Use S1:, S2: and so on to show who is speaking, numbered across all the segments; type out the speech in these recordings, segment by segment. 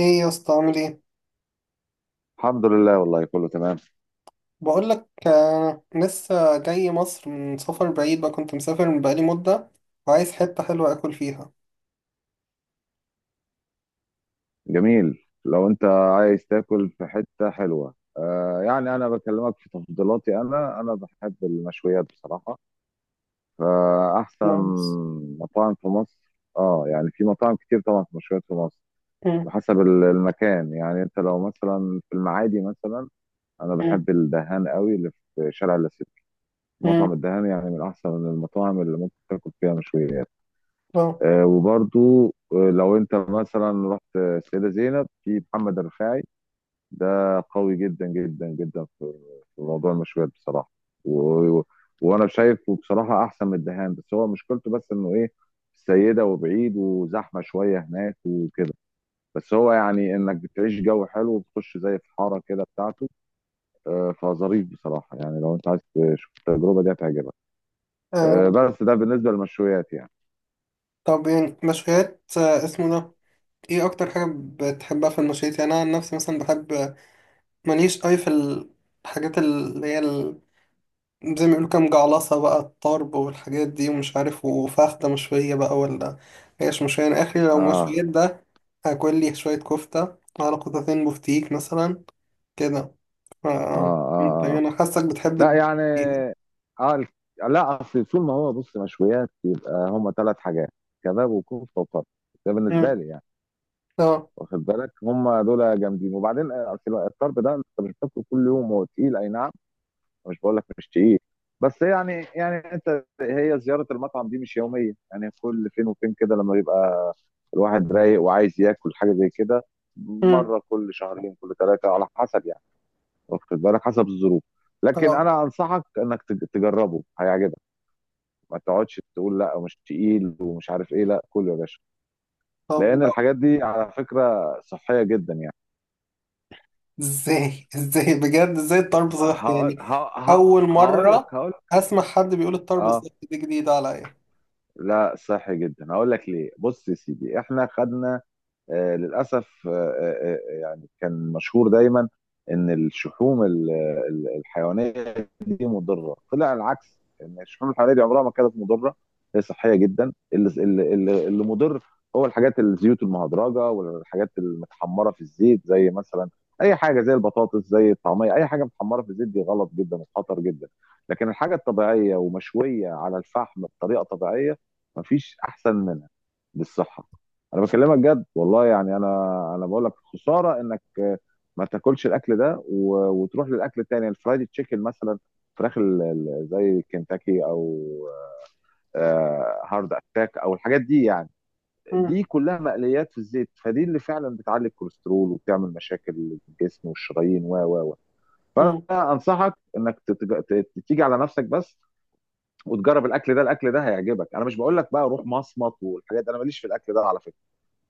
S1: ايه يا اسطى عامل ايه؟
S2: الحمد لله، والله كله تمام.
S1: بقول لك لسه جاي مصر من سفر بعيد بقى، كنت مسافر من بقالي مدة وعايز حتة حلوة اكل فيها.
S2: جميل، لو انت عايز تاكل في حتة حلوة يعني انا بكلمك في تفضيلاتي، انا بحب المشويات بصراحة. فاحسن
S1: نايس.
S2: مطاعم في مصر يعني في مطاعم كتير طبعا، في مشويات في مصر.
S1: مم،
S2: وحسب المكان، يعني انت لو مثلا في المعادي مثلا، انا
S1: مم،
S2: بحب الدهان قوي، اللي في شارع اللاسلكي. مطعم
S1: مم،
S2: الدهان يعني من احسن المطاعم اللي ممكن تاكل فيها مشويات.
S1: اه.
S2: وبرضو لو انت مثلا رحت السيدة زينب، في محمد الرفاعي، ده قوي جدا جدا جدا في موضوع المشويات بصراحة. و... و- وانا شايفه بصراحة احسن من الدهان، بس هو مشكلته بس انه ايه، السيدة وبعيد، وزحمة شوية هناك وكده. بس هو يعني انك بتعيش جو حلو، وبتخش زي في حارة كده بتاعته. فظريف بصراحة، يعني لو انت عايز تشوف التجربة، دي هتعجبك.
S1: آه،
S2: بس ده بالنسبة للمشويات يعني.
S1: طب يعني مشويات، اسمه ده، ايه اكتر حاجة بتحبها في المشويات؟ يعني انا عن نفسي مثلا بحب، ماليش أوي في الحاجات اللي هي زي ما بيقولوا كام جعلصة بقى، الطرب والحاجات دي ومش عارف، وفخدة مشوية بقى ولا هيش مشوية. أنا آخري لو
S2: اه،
S1: مشويات ده هاكل لي شوية كفتة على قطعتين بفتيك مثلا كده. ف
S2: اه، اه،
S1: يعني
S2: آه.
S1: أنا حاسك بتحب
S2: لا، يعني
S1: فيها.
S2: اه ال- لا، اصل طول ما هو بص مشويات، يبقى هم ثلاث حاجات: كباب وكفته وطرب. ده بالنسبه
S1: مم.
S2: لي يعني.
S1: اه.
S2: واخد بالك، هم دول جامدين. وبعدين اصل الطرب ده انت مش بتاكله كل يوم، هو تقيل، اي نعم. مش بقول لك مش تقيل، بس يعني انت هي زياره المطعم دي مش يوميه، يعني كل فين وفين كده، لما يبقى الواحد رايق وعايز ياكل حاجه زي كده.
S1: مم.
S2: مره كل شهرين، كل ثلاثه على حسب يعني. واخد بالك، حسب الظروف. لكن
S1: اه.
S2: انا انصحك انك تجربه، هيعجبك. ما تقعدش تقول لا مش تقيل ومش عارف ايه، لا، كله يا باشا.
S1: طب
S2: لان
S1: لا.
S2: الحاجات دي على فكره صحيه جدا يعني.
S1: ازاي؟ ازاي بجد؟ ازاي الطرب صحي يعني؟ أول
S2: هقول لك.
S1: مرة
S2: هقول
S1: أسمع حد بيقول الطرب
S2: اه
S1: صحي، دي جديدة عليا.
S2: لا، صحي جدا. هقول لك ليه. بص يا سيدي، احنا خدنا للاسف يعني كان مشهور دايما ان الشحوم الحيوانيه دي مضره. طلع العكس، ان الشحوم الحيوانيه دي عمرها ما كانت مضره، هي صحيه جدا. اللي مضر هو الحاجات، الزيوت المهدرجه والحاجات المتحمره في الزيت، زي مثلا اي حاجه زي البطاطس، زي الطعميه، اي حاجه متحمره في الزيت دي غلط جدا وخطر جدا. لكن الحاجه الطبيعيه ومشويه على الفحم بطريقه طبيعيه، مفيش احسن منها للصحه. انا بكلمك جد والله، يعني انا بقول لك خساره انك ما تاكلش الاكل ده. وتروح للاكل التاني، الفرايد تشيكن مثلا، فراخ زي كنتاكي، او هارد اتاك، او الحاجات دي يعني. دي كلها مقليات في الزيت، فدي اللي فعلا بتعلي الكوليسترول وبتعمل مشاكل للجسم والشرايين و
S1: مم.
S2: فانا انصحك انك تيجي على نفسك بس، وتجرب الاكل ده. الاكل ده هيعجبك. انا مش بقول لك بقى روح مصمت والحاجات دي، انا ماليش في الاكل ده على فكره،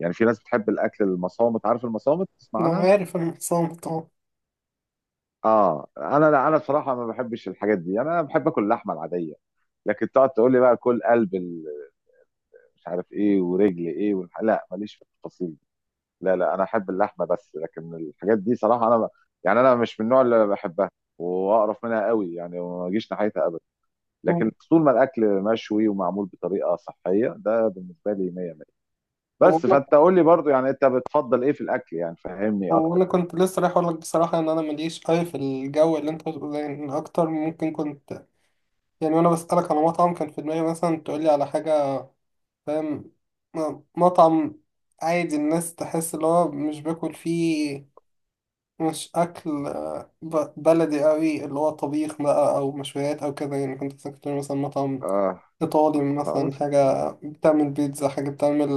S2: يعني في ناس بتحب الاكل المصامت. عارف المصامت، تسمع
S1: أنا
S2: عنها.
S1: عارف، أنا حسام طبعا.
S2: اه انا، لا، انا بصراحه ما بحبش الحاجات دي، يعني انا بحب اكل اللحمه العاديه. لكن تقعد تقول لي بقى كل قلب مش عارف ايه، ورجل ايه، لا، ماليش في التفاصيل دي. لا، لا، انا احب اللحمه بس. لكن الحاجات دي صراحه يعني انا مش من النوع اللي بحبها، واقرف منها قوي يعني، وما اجيش ناحيتها ابدا. لكن
S1: مم.
S2: طول ما الاكل مشوي ومعمول بطريقه صحيه، ده بالنسبه لي 100 100.
S1: هو
S2: بس،
S1: أنا-
S2: فانت قول لي برضو، يعني انت بتفضل ايه في الاكل، يعني فهمني
S1: هو
S2: اكتر.
S1: أنا كنت لسه رايح أقولك بصراحة إن أنا ماليش أوي في الجو اللي أنت بتقول عليه، إن أكتر ممكن كنت، يعني وأنا بسألك على مطعم كان في دماغي مثلا تقولي على حاجة، فاهم؟ مطعم عادي، الناس تحس اللي هو مش باكل فيه مش أكل بلدي أوي اللي هو طبيخ بقى أو مشويات أو كده. يعني كنت بس كنت تقولي مثلا مطعم
S2: اه،
S1: إيطالي مثلا،
S2: خلاص
S1: حاجة بتعمل بيتزا، حاجة بتعمل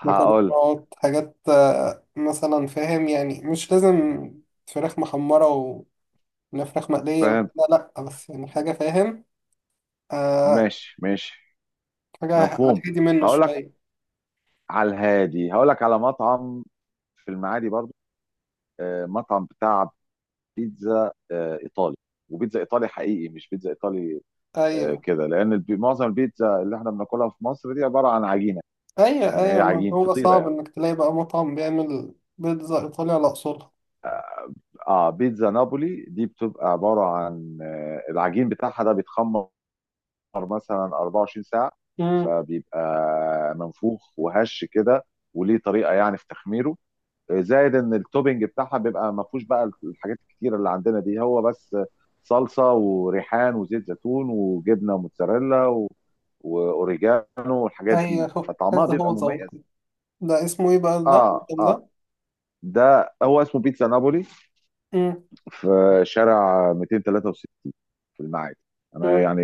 S2: هقول.
S1: مكرونات، حاجات مثلا، فاهم يعني؟ مش لازم فراخ محمرة ولا فراخ مقلية
S2: فاهم،
S1: وكده، لأ، بس يعني حاجة، فاهم؟ آه،
S2: ماشي ماشي.
S1: حاجة على
S2: مفهوم،
S1: الهادي منه
S2: هقول لك.
S1: شوية.
S2: على الهادي، هقول لك على مطعم في المعادي برضو. مطعم بتاع بيتزا ايطالي. وبيتزا ايطالي حقيقي، مش بيتزا ايطالي
S1: أيوة.
S2: كده. لان معظم البيتزا اللي احنا بناكلها في مصر دي عباره عن عجينه،
S1: أيوة.
S2: يعني هي
S1: أيوة، ما
S2: عجين
S1: هو
S2: فطيره
S1: صعب
S2: يعني.
S1: إنك تلاقي بقى مطعم بيعمل بيتزا إيطالي على أصولها.
S2: اه بيتزا نابولي دي بتبقى عباره عن العجين بتاعها ده بيتخمر مثلا 24 ساعه،
S1: أمم.
S2: فبيبقى منفوخ وهش كده. وليه طريقه يعني في تخميره، زائد ان التوبينج بتاعها بيبقى ما فيهوش بقى الحاجات الكتيره اللي عندنا دي، هو بس صلصه وريحان وزيت زيتون وجبنه موتزاريلا واوريجانو، والحاجات دي،
S1: أيوة، هو
S2: فطعمها
S1: حاسس، هو
S2: بيبقى مميز.
S1: ذوق. ده اسمه إيه بقى ده؟
S2: اه
S1: المطعم
S2: اه
S1: ده؟
S2: ده هو اسمه بيتزا نابولي،
S1: أمم.
S2: في شارع 263 في المعادي. انا
S1: أمم.
S2: يعني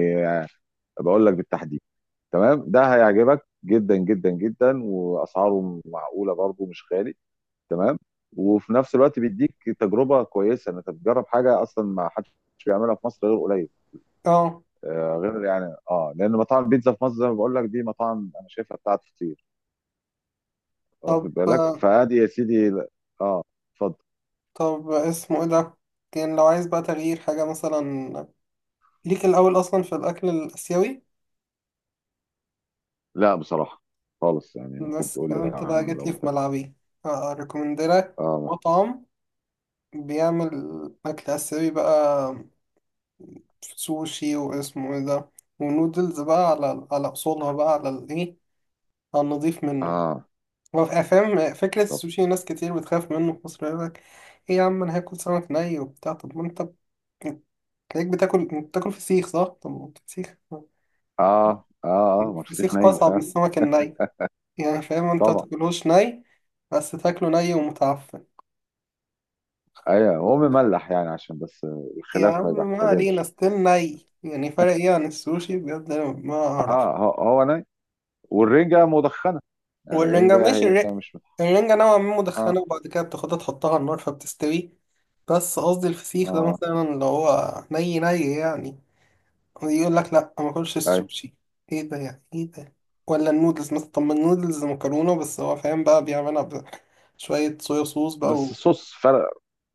S2: بقول لك بالتحديد. تمام، ده هيعجبك جدا جدا جدا. واسعاره معقوله برضه، مش غالي. تمام. وفي نفس الوقت بيديك تجربه كويسه، ان انت بتجرب حاجه اصلا ما حدش بيعملها في مصر غير قليل.
S1: أه.
S2: غير يعني لان مطاعم البيتزا في مصر زي ما بقول لك دي، مطاعم انا شايفها بتاعت فطير. واخد بالك
S1: طب،
S2: فادي يا سيدي. اه اتفضل.
S1: طب اسمه ايه ده؟ كان لو عايز بقى تغيير حاجة مثلا، ليك الأول أصلا في الأكل الآسيوي؟
S2: لا بصراحه خالص، يعني ممكن
S1: بس
S2: تقول
S1: كده
S2: لي
S1: أنت بقى
S2: عنه
S1: جيت
S2: لو
S1: لي
S2: انت.
S1: في ملعبي. أريكومندلك
S2: اه،
S1: مطعم بيعمل أكل آسيوي بقى، سوشي واسمه ايه ده، ونودلز بقى، على على أصولها، بقى على الإيه، على النضيف منه.
S2: اه،
S1: هو فاهم فكرة
S2: طب.
S1: السوشي، ناس كتير بتخاف منه في مصر، يقول لك إيه يا عم، أنا هاكل سمك ني وبتاع؟ طب ما أنت بت- تلاقيك بتاكل بتاكل فسيخ، صح؟ طب ما هو فسيخ،
S2: اه، اه، اه، مرسيخ
S1: الفسيخ
S2: ني
S1: أصعب من
S2: فعلا.
S1: السمك الني، يعني فاهم؟ أنت
S2: طبعا.
S1: تاكلهوش ني، بس تاكله ني ومتعفن.
S2: ايوه، هو مملح يعني، عشان بس
S1: يا
S2: الخلاف ما
S1: عم ما علينا،
S2: يحتدمش.
S1: ستيل ني، يعني فرق إيه عن السوشي؟ بجد أنا ما أعرف.
S2: اه، هو ناي، والرنجة مدخنة، يعني
S1: والرنجة
S2: الرنجة
S1: ماشي،
S2: هي مش
S1: الرنجة نوعا ما
S2: اه،
S1: مدخنة، وبعد كده بتاخدها تحطها على النار فبتستوي، بس قصدي الفسيخ ده
S2: اه،
S1: مثلا اللي هو ني ني يعني، يقول لك لا ما اكلش
S2: اي.
S1: السوشي، ايه ده يعني؟ ايه ده؟ ولا النودلز مثلا، طب ما النودلز مكرونه، بس هو فاهم بقى بيعملها بشويه صويا صوص بقى.
S2: بس الصوص فرق.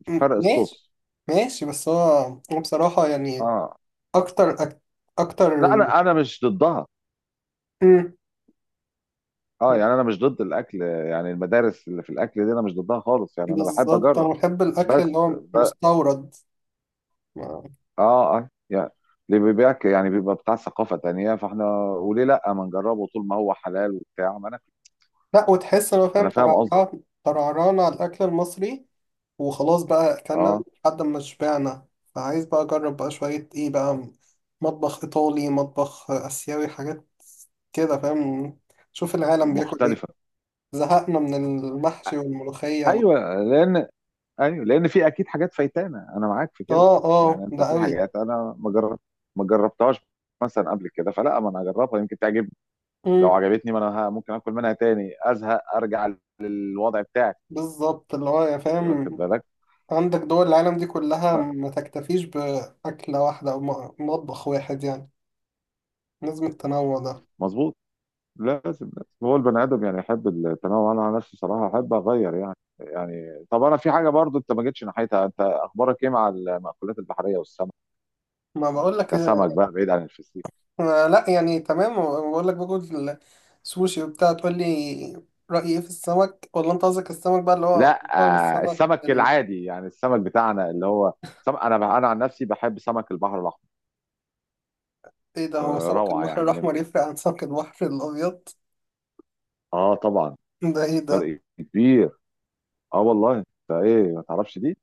S2: فرق
S1: ماشي.
S2: الصوص.
S1: ماشي بس هو، هو
S2: اه،
S1: بصراحة يعني،
S2: آه.
S1: أكتر أك...
S2: لا،
S1: أكتر.
S2: انا مش ضدها.
S1: م.
S2: اه، يعني انا مش ضد الاكل، يعني المدارس اللي في الاكل دي انا مش ضدها خالص، يعني انا بحب
S1: بالظبط،
S2: اجرب.
S1: أنا بحب الأكل
S2: بس
S1: اللي هو
S2: ب...
S1: مستورد. ما-
S2: اه، اه، يعني اللي بيبيعك يعني بيبقى بتاع ثقافة تانية، فاحنا وليه لا ما نجربه، طول ما هو حلال وبتاع. ما انا
S1: لا، وتحس إن هو فاهم
S2: انا فاهم قصدي.
S1: ترعران ترعران على الأكل المصري وخلاص بقى، أكلنا
S2: اه،
S1: لحد ما شبعنا. فعايز بقى أجرب بقى شوية إيه بقى، مطبخ إيطالي، مطبخ آسيوي، حاجات كده فاهم، شوف العالم بياكل إيه.
S2: مختلفة.
S1: زهقنا من المحشي والملوخية وال...
S2: ايوه، لان، ايوه، لان في اكيد حاجات فايتانا، انا معاك في كده.
S1: آه، آه،
S2: يعني انت
S1: ده
S2: في حاجات انا ما جربتهاش مثلا قبل كده، فلا، ما انا اجربها يمكن تعجبني. لو
S1: أوي.
S2: عجبتني، ما انا ممكن اكل منها تاني، ازهق ارجع للوضع بتاعي.
S1: بالظبط، اللي هو يا
S2: واخد
S1: فاهم،
S2: بالك.
S1: عندك دول العالم دي كلها،
S2: لا،
S1: ما تكتفيش بأكلة واحدة أو مطبخ واحد يعني، لازم التنوع ده.
S2: مظبوط، لازم. هو البني ادم يعني يحب التنوع. انا عن نفسي صراحه احب اغير يعني. يعني طب، انا في حاجه برضو انت ما جيتش ناحيتها، انت اخبارك ايه مع المأكولات البحريه والسمك،
S1: ما بقول لك،
S2: كسمك بقى بعيد عن الفسيخ.
S1: لا يعني تمام، بقول لك باكل سوشي وبتاع، تقول لي رأيي إيه في السمك؟ ولا أنت قصدك السمك بقى اللي هو
S2: لا،
S1: طعم السمك
S2: السمك
S1: ال...
S2: العادي، يعني السمك بتاعنا اللي هو انا عن نفسي بحب سمك البحر الاحمر.
S1: إيه ده؟ هو سمك
S2: روعه
S1: البحر
S2: يعني من،
S1: الأحمر يفرق عن سمك البحر الأبيض؟
S2: اه طبعا
S1: ده إيه ده؟
S2: فرق كبير. اه، والله ده، ايه ما تعرفش دي؟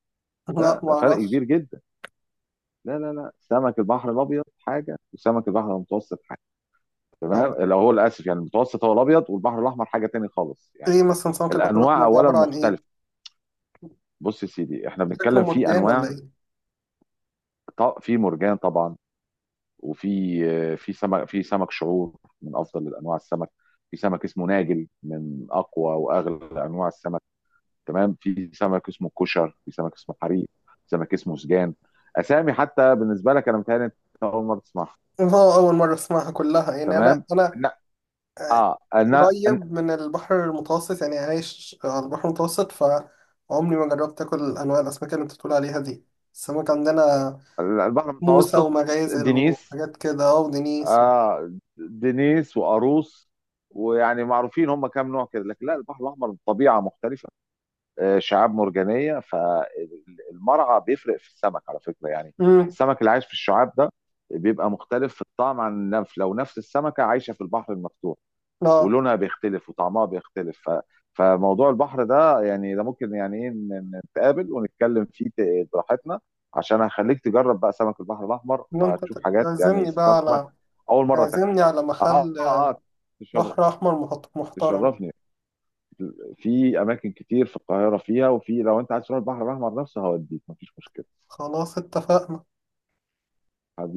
S1: لا
S2: لا، ده فرق كبير
S1: معرفش.
S2: جدا. لا، لا، لا، سمك البحر الابيض حاجه، وسمك البحر المتوسط حاجه.
S1: طب
S2: تمام، لو هو الاسف يعني المتوسط هو الابيض، والبحر الاحمر حاجه تاني خالص يعني.
S1: إيه مثلا سمك البحر
S2: الانواع
S1: الأحمر ده
S2: اولا
S1: عبارة عن إيه؟
S2: مختلفه. بص يا سيدي، احنا
S1: شكله
S2: بنتكلم في
S1: مرجان ولا
S2: انواع.
S1: إيه؟
S2: في مرجان طبعا. وفي في سمك شعور، من افضل انواع السمك. في سمك اسمه ناجل، من اقوى واغلى انواع السمك. تمام. في سمك اسمه كشر، في سمك اسمه حريق، في سمك اسمه سجان. اسامي حتى بالنسبه لك انا متهيألي انت اول مره تسمعها.
S1: اه، أول مرة أسمعها كلها، يعني أنا
S2: تمام.
S1: أنا
S2: انا
S1: آه،
S2: انا أنا-
S1: قريب من البحر المتوسط، يعني عايش على البحر المتوسط، فعمري ما جربت آكل أنواع الأسماك اللي أنت بتقول عليها دي. السمك عندنا
S2: البحر
S1: موسى
S2: المتوسط
S1: ومغازل
S2: دنيس.
S1: وحاجات كده، اه، ودنيس و-
S2: آه دنيس وقاروص، ويعني معروفين، هم كام نوع كده. لكن لا، البحر الاحمر طبيعه مختلفه، شعاب مرجانيه، فالمرعى بيفرق في السمك على فكره يعني.
S1: أمم.
S2: السمك اللي عايش في الشعاب ده بيبقى مختلف في الطعم عن لو نفس السمكه عايشه في البحر المفتوح،
S1: اه.
S2: ولونها بيختلف وطعمها بيختلف فموضوع البحر ده يعني ده ممكن يعني ايه نتقابل ونتكلم فيه براحتنا، عشان هخليك تجرب بقى سمك البحر الاحمر،
S1: إن أنت
S2: وهتشوف حاجات، يعني
S1: تعزمني بقى
S2: سمك
S1: على،
S2: اول مره تاكله.
S1: تعزمني على
S2: اه،
S1: محل
S2: اه، تشر-
S1: بحر أحمر محترم.
S2: تشرفني. في اماكن كتير في القاهره فيها، وفي لو انت عايز تروح البحر الاحمر نفسه هوديك، مفيش مشكله
S1: خلاص اتفقنا.
S2: حبيبي.